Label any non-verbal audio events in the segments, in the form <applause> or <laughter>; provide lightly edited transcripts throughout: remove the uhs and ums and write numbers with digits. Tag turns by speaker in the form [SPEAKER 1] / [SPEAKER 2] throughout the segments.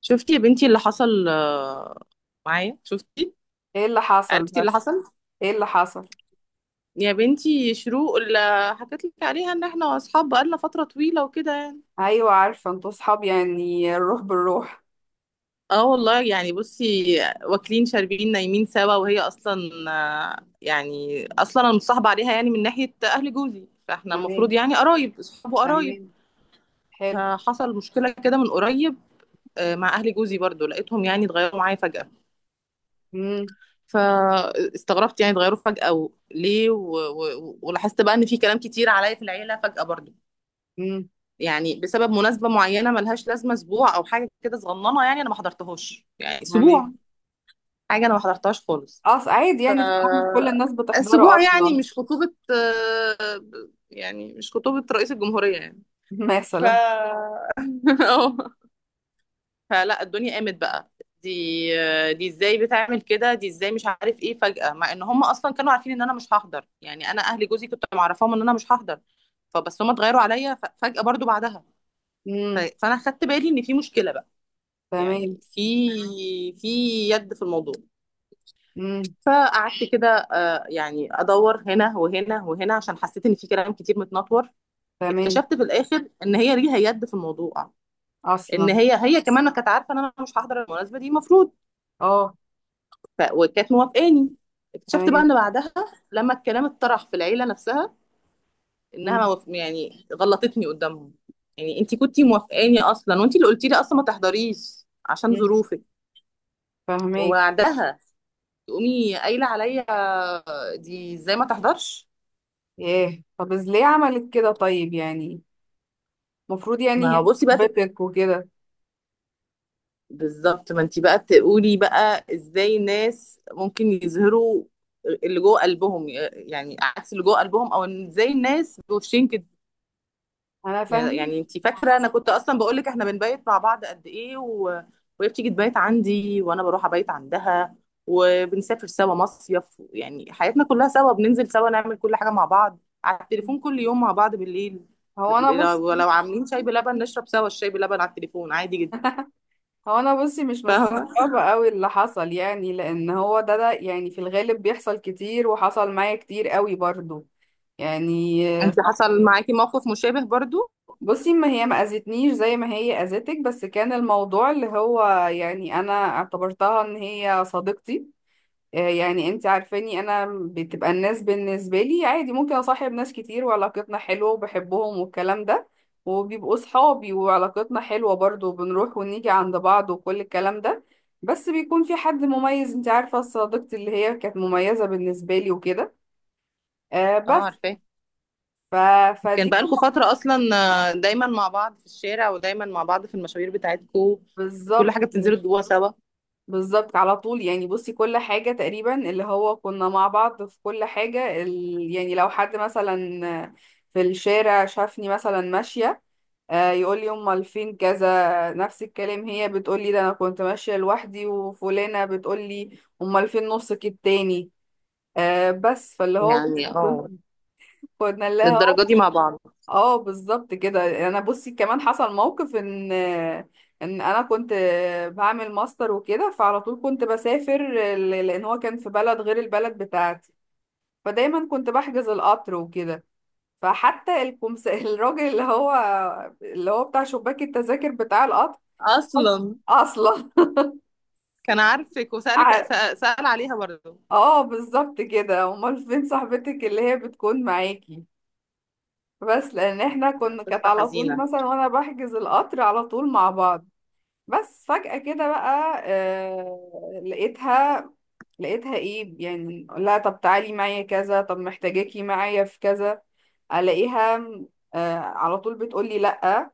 [SPEAKER 1] شفتي يا بنتي اللي حصل معايا؟ شفتي؟
[SPEAKER 2] ايه اللي حصل
[SPEAKER 1] عرفتي اللي
[SPEAKER 2] بس؟
[SPEAKER 1] حصل؟
[SPEAKER 2] ايه اللي حصل؟
[SPEAKER 1] يا بنتي، شروق اللي حكيت لك عليها ان احنا اصحاب بقالنا فترة طويلة وكده يعني.
[SPEAKER 2] ايوه، عارفه انتوا صحاب، يعني الروح بالروح.
[SPEAKER 1] اه والله، يعني بصي، واكلين شاربين نايمين سوا، وهي اصلا يعني اصلا انا متصاحبة عليها يعني من ناحية اهل جوزي، فاحنا المفروض
[SPEAKER 2] تمام.
[SPEAKER 1] يعني قرايب اصحاب وقرايب.
[SPEAKER 2] تمام. حلو.
[SPEAKER 1] فحصل مشكلة كده من قريب مع اهل جوزي برضو، لقيتهم يعني اتغيروا معايا فجأة.
[SPEAKER 2] امم.
[SPEAKER 1] فاستغربت يعني اتغيروا فجأة ليه، ولاحظت بقى ان في كلام كتير عليا في العيلة فجأة برضو،
[SPEAKER 2] امم.
[SPEAKER 1] يعني بسبب مناسبة معينة ملهاش لازمة، اسبوع او حاجة كده صغننة يعني انا ما حضرتهاش، يعني
[SPEAKER 2] تمام.
[SPEAKER 1] اسبوع، حاجة انا ما حضرتهاش خالص.
[SPEAKER 2] اصل عادي، يعني صحاب مش كل الناس بتحضره
[SPEAKER 1] اسبوع
[SPEAKER 2] اصلا.
[SPEAKER 1] يعني، مش خطوبة، يعني مش خطوبة رئيس الجمهورية يعني.
[SPEAKER 2] <laughs>
[SPEAKER 1] ف
[SPEAKER 2] مثلا.
[SPEAKER 1] <laughs> اه، فلا الدنيا قامت بقى. دي دي ازاي بتعمل كده؟ دي ازاي؟ مش عارف ايه، فجأة، مع ان هم اصلا كانوا عارفين ان انا مش هحضر، يعني انا اهل جوزي كنت معرفاهم ان انا مش هحضر. فبس هم اتغيروا عليا فجأة برضو بعدها.
[SPEAKER 2] امم.
[SPEAKER 1] فانا خدت بالي ان في مشكلة بقى، يعني
[SPEAKER 2] تمام.
[SPEAKER 1] في يد في الموضوع.
[SPEAKER 2] امم.
[SPEAKER 1] فقعدت كده يعني ادور هنا وهنا وهنا، عشان حسيت ان في كلام كتير متنطور.
[SPEAKER 2] تمام.
[SPEAKER 1] اكتشفت في الاخر ان هي ليها يد في الموضوع، ان
[SPEAKER 2] اصلا.
[SPEAKER 1] هي كمان كانت عارفه ان انا مش هحضر المناسبه دي المفروض.
[SPEAKER 2] اه.
[SPEAKER 1] وكانت موافقاني. اكتشفت بقى
[SPEAKER 2] تمام.
[SPEAKER 1] ان بعدها، لما الكلام اتطرح في العيله نفسها، انها ما
[SPEAKER 2] امم.
[SPEAKER 1] وافق- يعني غلطتني قدامهم، يعني انت كنتي موافقاني اصلا، وانت اللي قلتي لي اصلا ما تحضريش عشان
[SPEAKER 2] امم.
[SPEAKER 1] ظروفك.
[SPEAKER 2] فهميك.
[SPEAKER 1] وبعدها تقومي قايله عليا دي ازاي ما تحضرش.
[SPEAKER 2] ايه، طب ليه عملت كده طيب؟ يعني المفروض يعني
[SPEAKER 1] ما
[SPEAKER 2] هي
[SPEAKER 1] هو بصي بقى
[SPEAKER 2] صاحبتك وكده.
[SPEAKER 1] بالظبط، ما انت بقى تقولي بقى ازاي الناس ممكن يظهروا اللي جوه قلبهم يعني عكس اللي جوه قلبهم، او إن ازاي الناس بوشين كده.
[SPEAKER 2] انا فاهمك.
[SPEAKER 1] يعني انت فاكره، انا كنت اصلا بقول لك احنا بنبيت مع بعض قد ايه وهي بتيجي تبيت عندي، وانا بروح ابيت عندها، وبنسافر سوا مصيف، يعني حياتنا كلها سوا، بننزل سوا، نعمل كل حاجه مع بعض، على التليفون كل يوم مع بعض بالليل.
[SPEAKER 2] هو انا بص
[SPEAKER 1] لو عاملين شاي بلبن نشرب سوا الشاي بلبن على التليفون، عادي جدا.
[SPEAKER 2] هو انا بصي مش
[SPEAKER 1] فاهمه.
[SPEAKER 2] مستغربه قوي اللي حصل، يعني لان هو ده يعني في الغالب بيحصل كتير وحصل معايا كتير قوي برضو. يعني.
[SPEAKER 1] انت
[SPEAKER 2] صح.
[SPEAKER 1] حصل معاكي موقف مشابه برضو.
[SPEAKER 2] بصي، ما هي ما اذتنيش زي ما هي اذتك، بس كان الموضوع اللي هو يعني انا اعتبرتها ان هي صديقتي. آه، يعني انت عارفاني انا، بتبقى الناس بالنسبه لي عادي، ممكن اصاحب ناس كتير وعلاقتنا حلوه وبحبهم والكلام ده، وبيبقوا صحابي وعلاقتنا حلوه برضو، وبنروح ونيجي عند بعض وكل الكلام ده، بس بيكون في حد مميز. انت عارفه، صديقتي اللي هي كانت مميزه بالنسبه لي وكده. آه
[SPEAKER 1] اه
[SPEAKER 2] بس.
[SPEAKER 1] عارفاه.
[SPEAKER 2] ف...
[SPEAKER 1] كان
[SPEAKER 2] فدي
[SPEAKER 1] بقالكوا
[SPEAKER 2] كلها.
[SPEAKER 1] فتره اصلا دايما مع بعض في الشارع، ودايما مع بعض في المشاوير بتاعتكوا، كل
[SPEAKER 2] بالظبط.
[SPEAKER 1] حاجه بتنزلوا جوا سوا.
[SPEAKER 2] بالظبط، على طول يعني. بصي، كل حاجة تقريبا اللي هو كنا مع بعض في كل حاجة، يعني لو حد مثلا في الشارع شافني مثلا ماشية، آه، يقول لي امال فين كذا. نفس الكلام، هي بتقول لي ده انا كنت ماشية لوحدي، وفلانة بتقول لي امال فين نصك التاني. آه، بس فاللي هو بص
[SPEAKER 1] يعني
[SPEAKER 2] <laughs>
[SPEAKER 1] اه،
[SPEAKER 2] كنا لها.
[SPEAKER 1] للدرجة دي مع بعض
[SPEAKER 2] اه بالظبط كده. انا بصي كمان حصل موقف، ان انا كنت بعمل ماستر وكده، فعلى طول كنت بسافر، لان هو كان في بلد غير البلد بتاعتي، فدايما كنت بحجز القطر وكده. فحتى <laughs> الراجل اللي هو، اللي هو بتاع شباك التذاكر بتاع القطر.
[SPEAKER 1] أصلا.
[SPEAKER 2] اصلا.
[SPEAKER 1] كان عارفك،
[SPEAKER 2] <laughs>
[SPEAKER 1] وسألك
[SPEAKER 2] ع-
[SPEAKER 1] سأل عليها برضه.
[SPEAKER 2] اه بالظبط كده، امال فين صاحبتك اللي هي بتكون معاكي. بس لان احنا
[SPEAKER 1] ده
[SPEAKER 2] كنا كانت
[SPEAKER 1] قصة
[SPEAKER 2] على طول
[SPEAKER 1] حزينة.
[SPEAKER 2] مثلا، وانا بحجز القطر على طول مع بعض. بس فجأة كده بقى، آه، لقيتها. لقيتها ايه يعني؟ لا، طب تعالي معايا كذا، طب محتاجاكي معايا في كذا، الاقيها آه على طول بتقولي لا.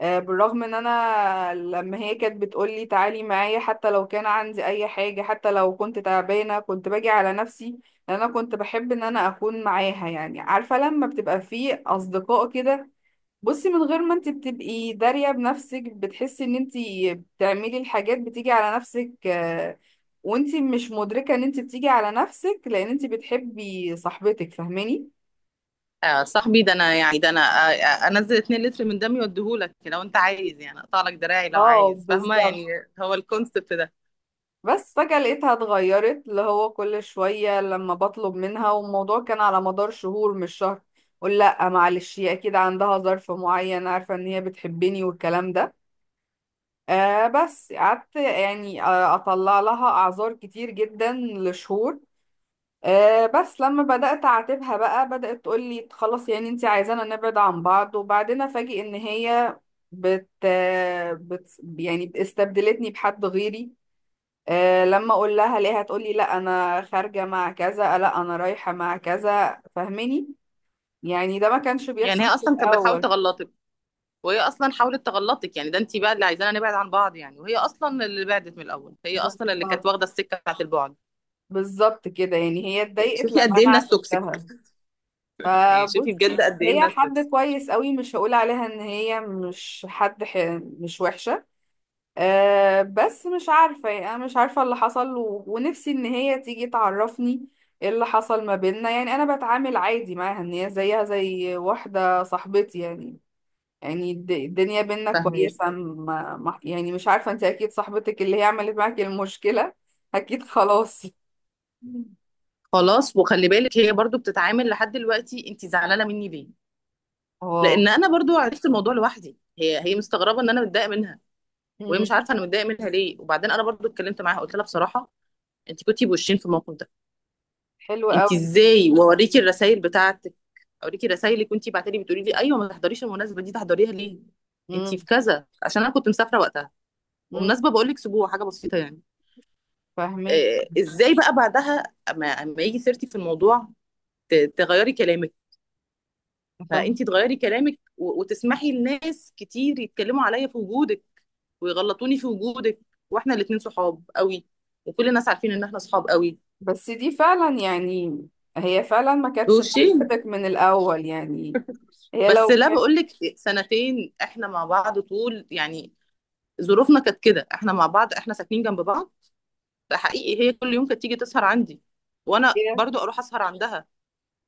[SPEAKER 2] آه، بالرغم ان انا لما هي كانت بتقولي تعالي معايا، حتى لو كان عندي اي حاجة، حتى لو كنت تعبانة، كنت باجي على نفسي، لان انا كنت بحب ان انا اكون معاها. يعني عارفة لما بتبقى في اصدقاء كده، بصي، من غير ما انت بتبقي دارية بنفسك، بتحسي ان انت تعملي الحاجات بتيجي على نفسك، آه، وانتي مش مدركة ان انتي بتيجي على نفسك لان انتي بتحبي صاحبتك. فاهماني؟
[SPEAKER 1] صاحبي ده أنا، يعني ده أنا، أنزل 2 لتر من دمي وأديهولك يعني لو أنت عايز، يعني أقطع لك دراعي لو
[SPEAKER 2] اه
[SPEAKER 1] عايز، فاهمة
[SPEAKER 2] بالظبط.
[SPEAKER 1] يعني؟ هو الكونسبت ده.
[SPEAKER 2] بس فجأة لقيتها اتغيرت، اللي هو كل شوية لما بطلب منها، والموضوع كان على مدار شهور، مش شهر، قول لا معلش. هي اكيد عندها ظرف معين، عارفة ان هي بتحبني والكلام ده. آه، بس قعدت يعني، آه، اطلع لها اعذار كتير جدا لشهور. أه، بس لما بدأت أعاتبها بقى، بدأت تقول لي خلاص، يعني انت عايزانا نبعد عن بعض. وبعدين أفاجئ إن هي بت, بت يعني استبدلتني بحد غيري. أه، لما أقول لها ليه، هتقول لي لا أنا خارجة مع كذا، لا أنا رايحة مع كذا. فاهماني؟ يعني ده ما كانش
[SPEAKER 1] يعني هي
[SPEAKER 2] بيحصل في
[SPEAKER 1] أصلا كانت بتحاول
[SPEAKER 2] الأول.
[SPEAKER 1] تغلطك، وهي أصلا حاولت تغلطك، يعني ده أنت بقى اللي عايزانا نبعد عن بعض يعني، وهي أصلا اللي بعدت من الأول، هي أصلا اللي كانت
[SPEAKER 2] بالظبط.
[SPEAKER 1] واخدة السكة بتاعت البعد.
[SPEAKER 2] بالظبط كده، يعني هي
[SPEAKER 1] يعني
[SPEAKER 2] اتضايقت
[SPEAKER 1] شوفي
[SPEAKER 2] لما
[SPEAKER 1] قد إيه
[SPEAKER 2] أنا
[SPEAKER 1] الناس توكسيك.
[SPEAKER 2] عاتبتها.
[SPEAKER 1] يعني شوفي بجد
[SPEAKER 2] فبصي،
[SPEAKER 1] قد إيه
[SPEAKER 2] هي
[SPEAKER 1] الناس
[SPEAKER 2] حد
[SPEAKER 1] توكسيك.
[SPEAKER 2] كويس قوي، مش هقول عليها إن هي مش حد مش وحشة. أه بس، مش عارفة يعني، أنا مش عارفة اللي حصل، ونفسي إن هي تيجي تعرفني إيه اللي حصل ما بيننا. يعني أنا بتعامل عادي معاها، إن هي زيها زي واحدة صاحبتي يعني، يعني الدنيا بينا
[SPEAKER 1] فاهمة؟
[SPEAKER 2] كويسة، ما... ما... يعني مش عارفة. أنت أكيد صاحبتك اللي هي عملت معاك المشكلة <laughs> أكيد. خلاص.
[SPEAKER 1] خلاص، وخلي بالك هي برضو بتتعامل لحد دلوقتي، انت زعلانه مني ليه؟
[SPEAKER 2] اه.
[SPEAKER 1] لان انا برضو عرفت الموضوع لوحدي. هي مستغربه ان انا متضايقه منها، وهي
[SPEAKER 2] مم.
[SPEAKER 1] مش عارفه انا متضايقه منها ليه. وبعدين انا برضو اتكلمت معاها، قلت لها بصراحه، انت كنتي بوشين في الموقف ده،
[SPEAKER 2] حلو
[SPEAKER 1] انت
[SPEAKER 2] أوي
[SPEAKER 1] ازاي؟
[SPEAKER 2] إنك
[SPEAKER 1] واوريكي
[SPEAKER 2] قلتيلي.
[SPEAKER 1] الرسائل بتاعتك، اوريكي الرسائل اللي كنتي بعتلي بتقولي لي ايوه ما تحضريش المناسبه دي، تحضريها ليه؟ انت في
[SPEAKER 2] مم.
[SPEAKER 1] كذا عشان انا كنت مسافره وقتها،
[SPEAKER 2] مم.
[SPEAKER 1] ومناسبه بقول لك اسبوع، حاجه بسيطه يعني.
[SPEAKER 2] فاهمك.
[SPEAKER 1] ازاي بقى بعدها، اما يجي سيرتي في الموضوع تغيري كلامك،
[SPEAKER 2] فاهمك.
[SPEAKER 1] فانت تغيري كلامك وتسمحي لناس كتير يتكلموا عليا في وجودك، ويغلطوني في وجودك، واحنا الاتنين صحاب قوي، وكل الناس عارفين ان احنا صحاب قوي،
[SPEAKER 2] بس دي فعلا يعني هي فعلا ما كانتش
[SPEAKER 1] بوشين.
[SPEAKER 2] صاحبتك من الأول يعني. هي
[SPEAKER 1] بس
[SPEAKER 2] لو
[SPEAKER 1] لا،
[SPEAKER 2] كانت،
[SPEAKER 1] بقول لك، سنتين احنا مع بعض طول يعني، ظروفنا كانت كده، احنا مع بعض، احنا ساكنين جنب بعض، حقيقي هي كل يوم كانت تيجي تسهر عندي، وانا
[SPEAKER 2] هي.
[SPEAKER 1] برضو اروح اسهر عندها،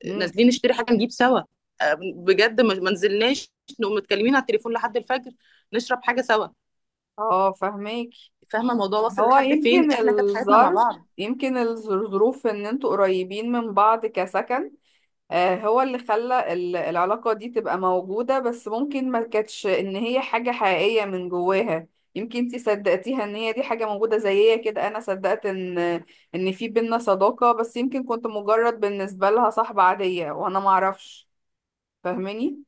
[SPEAKER 2] مم.
[SPEAKER 1] نازلين نشتري حاجه نجيب سوا، بجد ما نزلناش، نقوم متكلمين على التليفون لحد الفجر، نشرب حاجه سوا.
[SPEAKER 2] اه فهماك.
[SPEAKER 1] فاهمه الموضوع واصل
[SPEAKER 2] هو
[SPEAKER 1] لحد فين؟
[SPEAKER 2] يمكن
[SPEAKER 1] احنا كانت حياتنا مع
[SPEAKER 2] الظرف،
[SPEAKER 1] بعض.
[SPEAKER 2] يمكن الظروف ان انتوا قريبين من بعض كسكن، آه، هو اللي خلى العلاقة دي تبقى موجودة، بس ممكن ما كانتش ان هي حاجة حقيقية من جواها. يمكن انتي صدقتيها ان هي دي حاجة موجودة زيها كده، انا صدقت ان ان في بينا صداقة، بس يمكن كنت مجرد بالنسبة لها صاحبة عادية وانا معرفش. فاهماني؟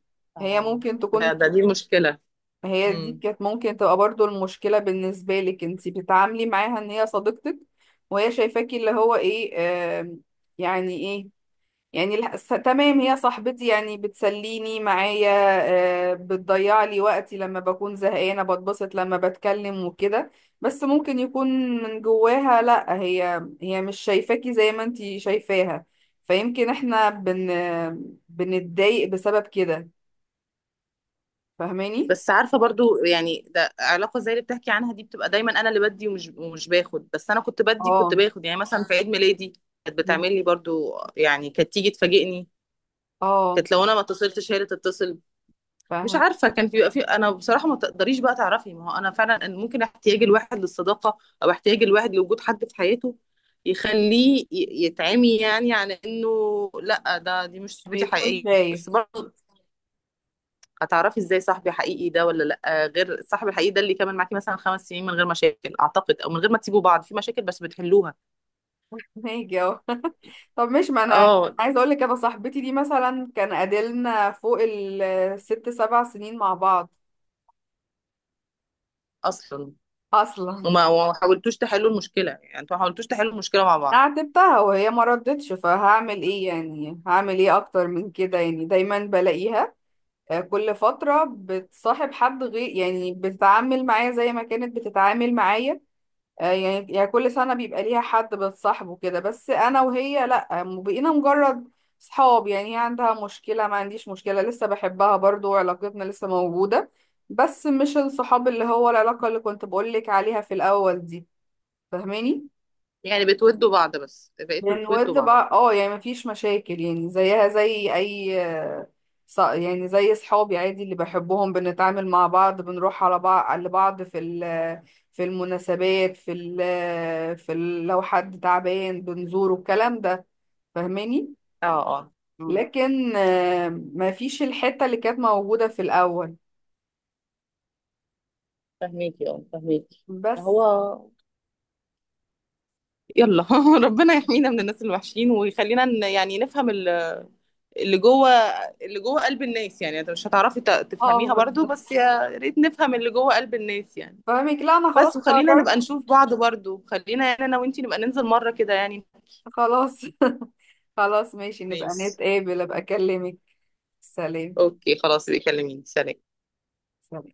[SPEAKER 2] هي
[SPEAKER 1] آه.
[SPEAKER 2] ممكن
[SPEAKER 1] ده,
[SPEAKER 2] تكون،
[SPEAKER 1] ده دي المشكله.
[SPEAKER 2] هي دي
[SPEAKER 1] امم
[SPEAKER 2] كانت ممكن تبقى برضو المشكلة بالنسبة لك، انتي بتتعاملي معاها ان هي صديقتك، وهي شايفاكي اللي هو ايه، آم، يعني ايه، يعني تمام، هي صاحبتي يعني بتسليني معايا، آه، بتضيع لي وقتي لما بكون زهقانة، بتبسط لما بتكلم وكده، بس ممكن يكون من جواها لا، هي هي مش شايفاكي زي ما انتي شايفاها. فيمكن احنا بنتضايق بسبب كده. فاهماني؟
[SPEAKER 1] بس عارفه برضو، يعني ده علاقه زي اللي بتحكي عنها دي، بتبقى دايما انا اللي بدي ومش باخد. بس انا كنت بدي، كنت
[SPEAKER 2] اه.
[SPEAKER 1] باخد، يعني مثلا في عيد ميلادي كانت بتعمل لي برضو، يعني كانت تيجي تفاجئني،
[SPEAKER 2] اه.
[SPEAKER 1] كانت لو انا ما اتصلتش هي اللي تتصل. مش
[SPEAKER 2] فاهم.
[SPEAKER 1] عارفه، كان في، بيبقى في، انا بصراحه ما تقدريش بقى تعرفي. ما هو انا فعلا، أن ممكن احتياج الواحد للصداقه او احتياج الواحد لوجود حد في حياته يخليه يتعمي، يعني عن انه لا، ده دي مش
[SPEAKER 2] مش
[SPEAKER 1] صاحبتي
[SPEAKER 2] بيكون
[SPEAKER 1] حقيقيه.
[SPEAKER 2] شايف.
[SPEAKER 1] بس برضه هتعرفي ازاي صاحبي حقيقي ده ولا لا، غير الصاحب الحقيقي ده اللي كمل معاكي مثلا خمس سنين من غير مشاكل، اعتقد، او من غير ما تسيبوا بعض في مشاكل بس بتحلوها.
[SPEAKER 2] <laughs> ماشي. طب مش ما انا
[SPEAKER 1] اه
[SPEAKER 2] عايزه اقول لك، انا صاحبتي دي مثلا كان قادلنا فوق ال6 7 سنين مع بعض.
[SPEAKER 1] اصلا،
[SPEAKER 2] اصلا.
[SPEAKER 1] وما حاولتوش تحلوا المشكله، يعني انتوا ما حاولتوش تحلوا المشكله مع
[SPEAKER 2] <laughs> انا
[SPEAKER 1] بعض،
[SPEAKER 2] عاتبتها وهي ما ردتش، فهعمل ايه يعني، هعمل ايه اكتر من كده يعني. دايما بلاقيها، آه، كل فتره بتصاحب حد غير، يعني بتتعامل معايا زي ما كانت بتتعامل معايا. آه، يعني كل سنة بيبقى ليها حد بتصاحبه كده، بس أنا وهي لأ، بقينا مجرد صحاب. يعني هي عندها مشكلة، ما عنديش مشكلة، لسه بحبها برضو وعلاقتنا لسه موجودة، بس مش الصحاب اللي هو العلاقة اللي كنت بقولك عليها في الأول دي. فاهماني؟
[SPEAKER 1] يعني بتودوا بعض بس، بقيتوا تودوا
[SPEAKER 2] بنود
[SPEAKER 1] بعض.
[SPEAKER 2] بقى، اه، يعني مفيش مشاكل يعني، زيها زي اي يعني زي صحابي عادي اللي بحبهم، بنتعامل مع بعض، بنروح على بعض لبعض في في المناسبات، لو حد تعبان بنزوره، الكلام ده. فاهماني؟
[SPEAKER 1] اه اه،
[SPEAKER 2] لكن آه، مفيش الحتة اللي كانت موجودة في الأول.
[SPEAKER 1] فهميكي، اه فهميكي.
[SPEAKER 2] بس.
[SPEAKER 1] هو يلا <laughs> ربنا يحمينا من الناس الوحشين، ويخلينا يعني نفهم اللي جوه اللي جوه قلب الناس. يعني انت مش هتعرفي
[SPEAKER 2] اه
[SPEAKER 1] تفهميها برضو،
[SPEAKER 2] بالظبط.
[SPEAKER 1] بس يا ريت نفهم اللي جوه قلب الناس يعني.
[SPEAKER 2] فاهمك. لا انا خلاص
[SPEAKER 1] بس وخلينا
[SPEAKER 2] قررت.
[SPEAKER 1] نبقى نشوف بعض برضو، خلينا يعني انا وانتي نبقى ننزل مرة كده يعني.
[SPEAKER 2] خلاص. <laughs> خلاص ماشي، نبقى
[SPEAKER 1] ماشي
[SPEAKER 2] نتقابل، ابقى اكلمك. سلام.
[SPEAKER 1] اوكي خلاص، بيكلميني. سلام.
[SPEAKER 2] سلام.